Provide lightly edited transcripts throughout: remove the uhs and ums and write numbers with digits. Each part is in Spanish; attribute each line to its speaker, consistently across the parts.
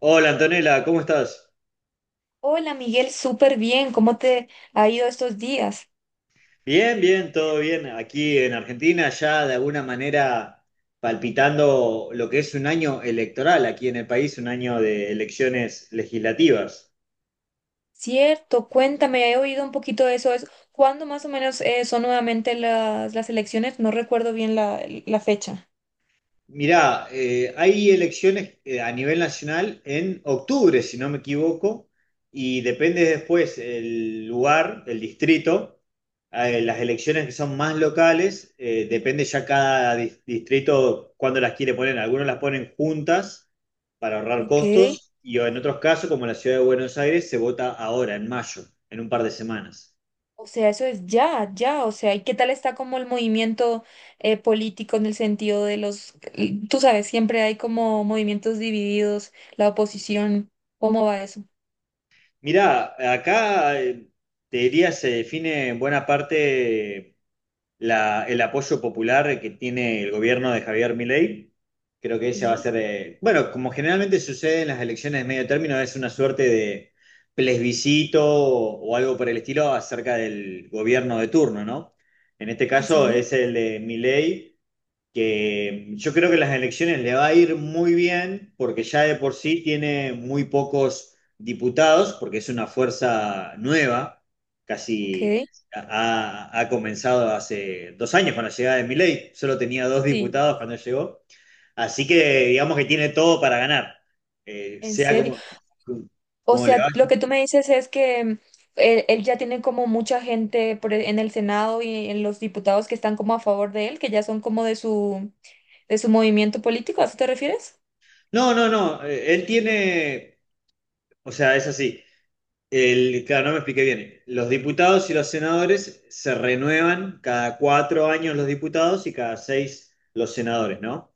Speaker 1: Hola Antonella, ¿cómo estás?
Speaker 2: Hola Miguel, súper bien. ¿Cómo te ha ido estos días?
Speaker 1: Bien, bien, todo bien. Aquí en Argentina ya de alguna manera palpitando lo que es un año electoral aquí en el país, un año de elecciones legislativas.
Speaker 2: Cierto, cuéntame, he oído un poquito de eso. ¿Cuándo más o menos son nuevamente las elecciones? No recuerdo bien la fecha.
Speaker 1: Mirá, hay elecciones a nivel nacional en octubre, si no me equivoco, y depende después el lugar, el distrito. Las elecciones que son más locales, depende ya cada distrito cuándo las quiere poner. Algunos las ponen juntas para ahorrar
Speaker 2: Ok,
Speaker 1: costos, y en otros casos, como en la ciudad de Buenos Aires, se vota ahora, en mayo, en un par de semanas.
Speaker 2: o sea, eso es ya, o sea, ¿y qué tal está como el movimiento político en el sentido de tú sabes, siempre hay como movimientos divididos, la oposición, ¿cómo va eso?
Speaker 1: Mirá, acá, te diría se define en buena parte el apoyo popular que tiene el gobierno de Javier Milei. Creo que ella va a
Speaker 2: Sí,
Speaker 1: ser, bueno, como generalmente sucede en las elecciones de medio término, es una suerte de plebiscito o algo por el estilo acerca del gobierno de turno, ¿no? En este
Speaker 2: sí,
Speaker 1: caso
Speaker 2: sí,
Speaker 1: es el de Milei, que yo creo que las elecciones le va a ir muy bien, porque ya de por sí tiene muy pocos diputados, porque es una fuerza nueva,
Speaker 2: ok,
Speaker 1: casi ha comenzado hace 2 años con la llegada de Milei, solo tenía dos
Speaker 2: sí,
Speaker 1: diputados cuando llegó, así que digamos que tiene todo para ganar,
Speaker 2: en
Speaker 1: sea
Speaker 2: serio.
Speaker 1: como,
Speaker 2: O
Speaker 1: como le va.
Speaker 2: sea, lo que tú me dices es que él ya tiene como mucha gente por en el Senado y en los diputados que están como a favor de él, que ya son como de su movimiento político, ¿a eso te refieres?
Speaker 1: No, no, no, él tiene, o sea, es así. Claro, no me expliqué bien. Los diputados y los senadores se renuevan cada 4 años los diputados y cada seis los senadores, ¿no?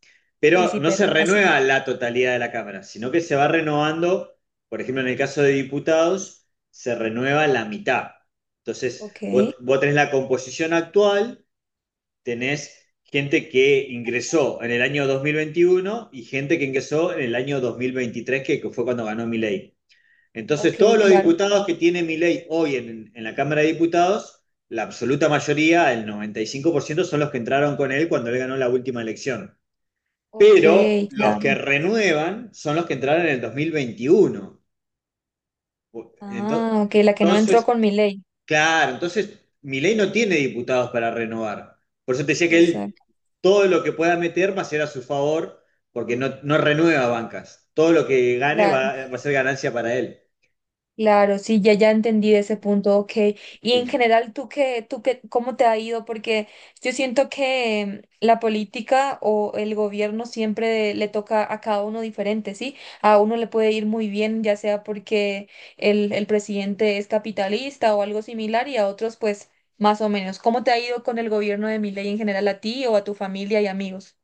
Speaker 2: Sí,
Speaker 1: Pero
Speaker 2: sí,
Speaker 1: no
Speaker 2: pero
Speaker 1: se
Speaker 2: así.
Speaker 1: renueva la totalidad de la Cámara, sino que se va renovando, por ejemplo, en el caso de diputados, se renueva la mitad. Entonces,
Speaker 2: Ok,
Speaker 1: vos tenés la composición actual, tenés gente que ingresó en el año 2021 y gente que ingresó en el año 2023, que fue cuando ganó mi ley.
Speaker 2: ok,
Speaker 1: Entonces, todos los
Speaker 2: claro.
Speaker 1: diputados que tiene mi hoy en la Cámara de Diputados, la absoluta mayoría, el 95%, son los que entraron con él cuando él ganó la última elección.
Speaker 2: Ok,
Speaker 1: Pero los
Speaker 2: claro.
Speaker 1: que renuevan son los que entraron en el 2021. Entonces,
Speaker 2: Ah, ok, la que no entró
Speaker 1: entonces,
Speaker 2: con mi ley.
Speaker 1: claro, entonces mi no tiene diputados para renovar. Por eso te decía que él
Speaker 2: Exacto,
Speaker 1: todo lo que pueda meter va a ser a su favor, porque no renueva bancas. Todo lo que gane
Speaker 2: claro.
Speaker 1: va a ser ganancia para él.
Speaker 2: Claro, sí, ya entendí ese punto, ok. Y en
Speaker 1: Sí.
Speaker 2: general, tú qué, ¿cómo te ha ido? Porque yo siento que la política o el gobierno siempre le toca a cada uno diferente, ¿sí? A uno le puede ir muy bien, ya sea porque el presidente es capitalista o algo similar, y a otros, pues, más o menos. ¿Cómo te ha ido con el gobierno de Milei en general a ti o a tu familia y amigos?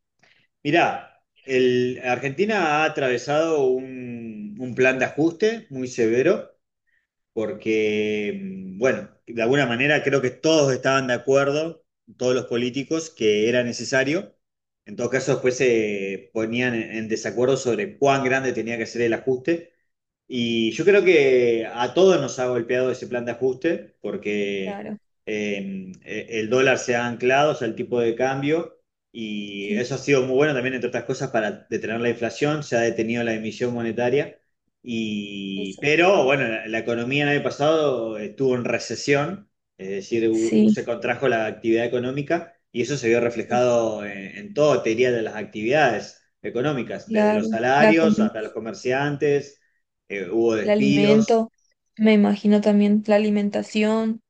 Speaker 1: Mirá, Argentina ha atravesado un plan de ajuste muy severo porque, bueno, de alguna manera creo que todos estaban de acuerdo, todos los políticos, que era necesario. En todo caso, después se ponían en desacuerdo sobre cuán grande tenía que ser el ajuste. Y yo creo que a todos nos ha golpeado ese plan de ajuste, porque
Speaker 2: Claro,
Speaker 1: el dólar se ha anclado, o sea, el tipo de cambio, y
Speaker 2: sí,
Speaker 1: eso ha sido muy bueno también, entre otras cosas, para detener la inflación, se ha detenido la emisión monetaria, y,
Speaker 2: eso.
Speaker 1: pero bueno, la economía el año pasado estuvo en recesión, es decir,
Speaker 2: Sí,
Speaker 1: se contrajo la actividad económica, y eso se vio
Speaker 2: sí, sí,
Speaker 1: reflejado en todo, te diría, de las actividades económicas, desde los
Speaker 2: claro, la
Speaker 1: salarios
Speaker 2: comida.
Speaker 1: hasta los comerciantes. Hubo
Speaker 2: El
Speaker 1: despidos.
Speaker 2: alimento, me imagino también la alimentación,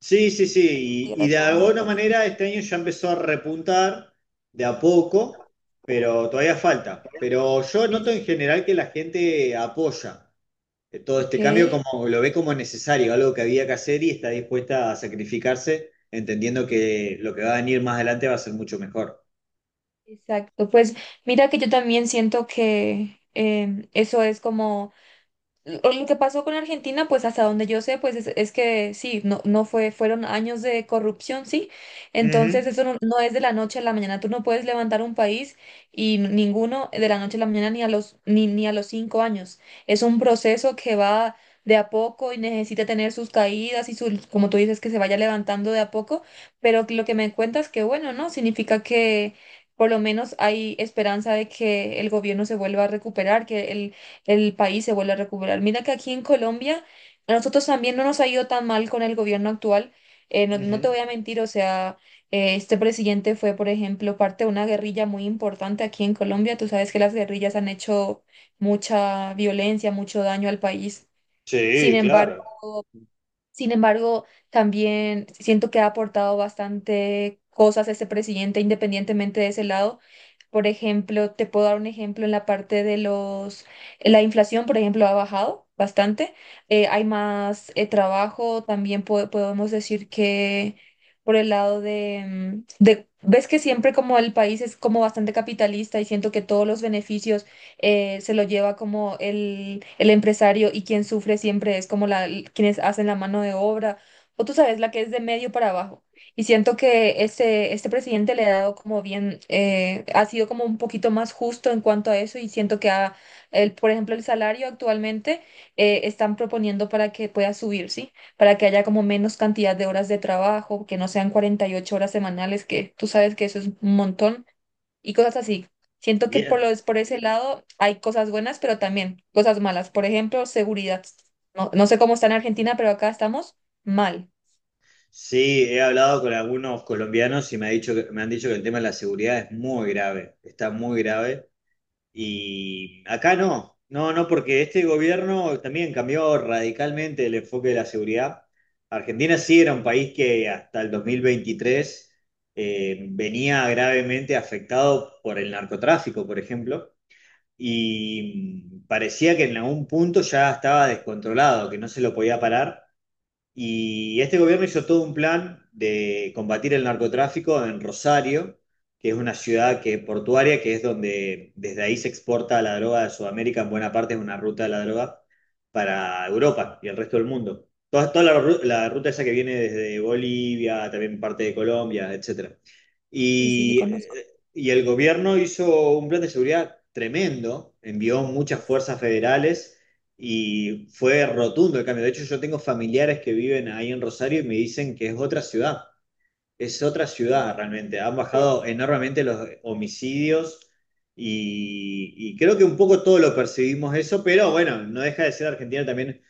Speaker 1: Sí, sí,
Speaker 2: la
Speaker 1: sí,
Speaker 2: cantidad
Speaker 1: y
Speaker 2: de
Speaker 1: de alguna
Speaker 2: trabajos, ¿no?
Speaker 1: manera este año ya empezó a repuntar de a poco, pero todavía falta. Pero yo noto
Speaker 2: Es,
Speaker 1: en general que la gente apoya todo
Speaker 2: ok,
Speaker 1: este cambio, como lo ve como necesario, algo que había que hacer y está dispuesta a sacrificarse, entendiendo que lo que va a venir más adelante va a ser mucho mejor.
Speaker 2: exacto. Pues mira que yo también siento que eso es como lo que pasó con Argentina, pues hasta donde yo sé, pues es que sí, no fue, fueron años de corrupción, sí. Entonces
Speaker 1: Ujú,
Speaker 2: eso no es de la noche a la mañana. Tú no puedes levantar un país y ninguno de la noche a la mañana ni a los, ni, ni a los 5 años. Es un proceso que va de a poco y necesita tener sus caídas y sus, como tú dices, que se vaya levantando de a poco. Pero lo que me cuentas, que bueno, ¿no? Significa que por lo menos hay esperanza de que el gobierno se vuelva a recuperar, que el país se vuelve a recuperar. Mira que aquí en Colombia a nosotros también no nos ha ido tan mal con el gobierno actual. No, no te
Speaker 1: ujú.
Speaker 2: voy a mentir, o sea, este presidente fue, por ejemplo, parte de una guerrilla muy importante aquí en Colombia. Tú sabes que las guerrillas han hecho mucha violencia, mucho daño al país. Sin
Speaker 1: Sí,
Speaker 2: embargo,
Speaker 1: claro.
Speaker 2: sin embargo, también siento que ha aportado bastante cosas ese presidente, independientemente de ese lado. Por ejemplo, te puedo dar un ejemplo en la parte de la inflación, por ejemplo, ha bajado bastante. Hay más trabajo. También podemos decir que por el lado de, de, ves que siempre como el país es como bastante capitalista y siento que todos los beneficios se lo lleva como el empresario y quien sufre siempre es como quienes hacen la mano de obra, o tú sabes, la que es de medio para abajo. Y siento que este presidente le ha dado como bien, ha sido como un poquito más justo en cuanto a eso y siento que por ejemplo, el salario actualmente están proponiendo para que pueda subir, ¿sí? Para que haya como menos cantidad de horas de trabajo, que no sean 48 horas semanales, que tú sabes que eso es un montón y cosas así. Siento que por
Speaker 1: Bien.
Speaker 2: por ese lado hay cosas buenas, pero también cosas malas. Por ejemplo, seguridad. No, no sé cómo está en Argentina, pero acá estamos mal.
Speaker 1: Sí, he hablado con algunos colombianos y me ha dicho me han dicho que el tema de la seguridad es muy grave, está muy grave. Y acá no, no, no, porque este gobierno también cambió radicalmente el enfoque de la seguridad. Argentina sí era un país que hasta el 2023 venía gravemente afectado por el narcotráfico, por ejemplo, y parecía que en algún punto ya estaba descontrolado, que no se lo podía parar. Y este gobierno hizo todo un plan de combatir el narcotráfico en Rosario, que es una ciudad que, portuaria, que es donde desde ahí se exporta la droga de Sudamérica, en buena parte es una ruta de la droga para Europa y el resto del mundo. Toda, toda la ruta esa que viene desde Bolivia, también parte de Colombia, etcétera.
Speaker 2: Sí, sí, sí,
Speaker 1: Y,
Speaker 2: conozco.
Speaker 1: eh, y el gobierno hizo un plan de seguridad tremendo, envió muchas
Speaker 2: Uf,
Speaker 1: fuerzas federales y fue rotundo el cambio. De hecho, yo tengo familiares que viven ahí en Rosario y me dicen que es otra ciudad es otra
Speaker 2: uf,
Speaker 1: ciudad realmente. Han
Speaker 2: qué
Speaker 1: bajado
Speaker 2: bueno.
Speaker 1: enormemente los homicidios, y creo que un poco todo lo percibimos eso, pero bueno, no deja de ser Argentina también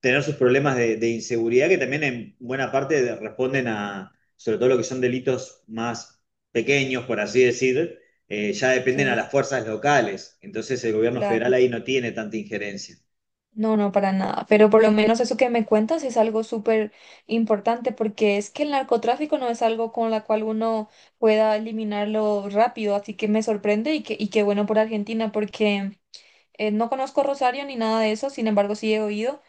Speaker 1: tener sus problemas de inseguridad, que también en buena parte responden a, sobre todo lo que son delitos más pequeños, por así decir. Ya
Speaker 2: Ok,
Speaker 1: dependen a las fuerzas locales. Entonces el gobierno federal
Speaker 2: claro.
Speaker 1: ahí no tiene tanta injerencia.
Speaker 2: No, no, para nada. Pero por lo menos eso que me cuentas es algo súper importante porque es que el narcotráfico no es algo con la cual uno pueda eliminarlo rápido. Así que me sorprende y qué bueno por Argentina porque no conozco Rosario ni nada de eso. Sin embargo, sí he oído.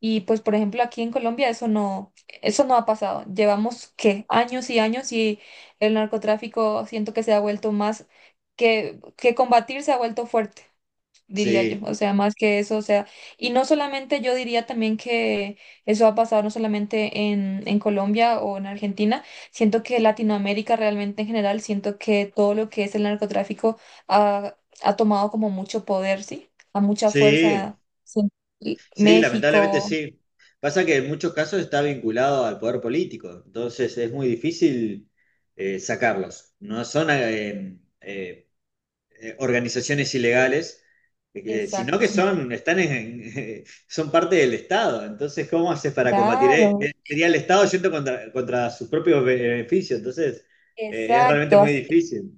Speaker 2: Y pues, por ejemplo, aquí en Colombia eso no ha pasado. Llevamos ¿qué? Años y años y el narcotráfico siento que se ha vuelto más que combatir se ha vuelto fuerte, diría yo.
Speaker 1: Sí,
Speaker 2: O sea, más que eso, o sea, y no solamente yo diría también que eso ha pasado no solamente en Colombia o en Argentina, siento que Latinoamérica realmente en general, siento que todo lo que es el narcotráfico ha, ha tomado como mucho poder, ¿sí? A mucha
Speaker 1: sí.
Speaker 2: fuerza. Sí,
Speaker 1: Sí, lamentablemente
Speaker 2: México.
Speaker 1: sí. Pasa que en muchos casos está vinculado al poder político, entonces es muy difícil sacarlos. No son organizaciones ilegales, sino que
Speaker 2: Exacto,
Speaker 1: son, son parte del Estado. Entonces, ¿cómo haces para combatir?
Speaker 2: claro,
Speaker 1: Sería el Estado yendo contra sus propios beneficios. Entonces, es realmente
Speaker 2: exacto.
Speaker 1: muy difícil.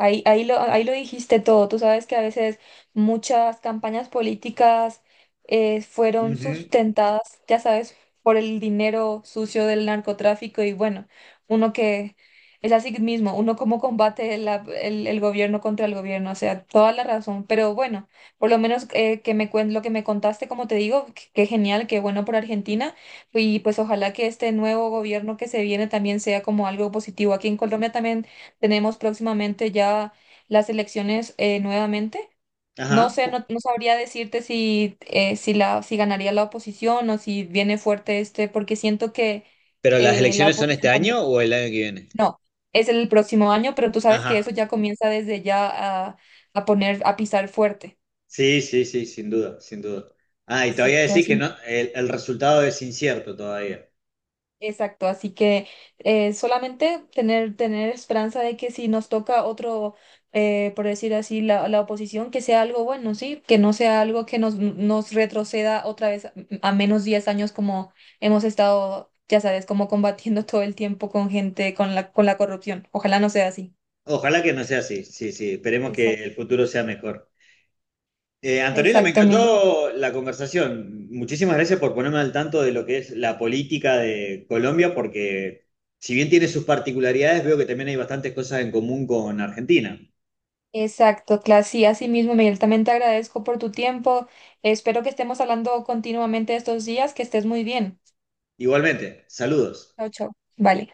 Speaker 2: Ahí lo dijiste todo. Tú sabes que a veces muchas campañas políticas fueron
Speaker 1: Ujú.
Speaker 2: sustentadas, ya sabes, por el dinero sucio del narcotráfico y bueno, uno que es así mismo, uno cómo combate el gobierno contra el gobierno, o sea, toda la razón. Pero bueno, por lo menos que me lo que me contaste, como te digo, qué genial, qué bueno por Argentina y pues ojalá que este nuevo gobierno que se viene también sea como algo positivo. Aquí en Colombia también. Tenemos próximamente ya las elecciones nuevamente. No
Speaker 1: Ajá.
Speaker 2: sé, no sabría decirte si ganaría la oposición o si viene fuerte este, porque siento que
Speaker 1: ¿Pero las
Speaker 2: la
Speaker 1: elecciones son este
Speaker 2: oposición
Speaker 1: año
Speaker 2: también.
Speaker 1: o el año que viene?
Speaker 2: No, es el próximo año, pero tú sabes que
Speaker 1: Ajá.
Speaker 2: eso ya comienza desde ya a, a a pisar fuerte.
Speaker 1: Sí, sí, sí, sin duda, sin duda. Ah, y te voy a
Speaker 2: Exacto,
Speaker 1: decir que no,
Speaker 2: así.
Speaker 1: el resultado es incierto todavía.
Speaker 2: Exacto, así que solamente tener esperanza de que si nos toca otro, por decir así, la oposición, que sea algo bueno, ¿sí? Que no sea algo que nos retroceda otra vez a menos 10 años como hemos estado, ya sabes, como combatiendo todo el tiempo con gente, con con la corrupción. Ojalá no sea así.
Speaker 1: Ojalá que no sea así, sí, sí, esperemos que
Speaker 2: Exacto.
Speaker 1: el futuro sea mejor. Antonella, me
Speaker 2: Exacto, Miguel.
Speaker 1: encantó la conversación. Muchísimas gracias por ponerme al tanto de lo que es la política de Colombia, porque si bien tiene sus particularidades, veo que también hay bastantes cosas en común con Argentina.
Speaker 2: Exacto, Clas. Sí, así mismo, Miguel. También te agradezco por tu tiempo. Espero que estemos hablando continuamente estos días. Que estés muy bien.
Speaker 1: Igualmente, saludos.
Speaker 2: Chao, chao. Vale.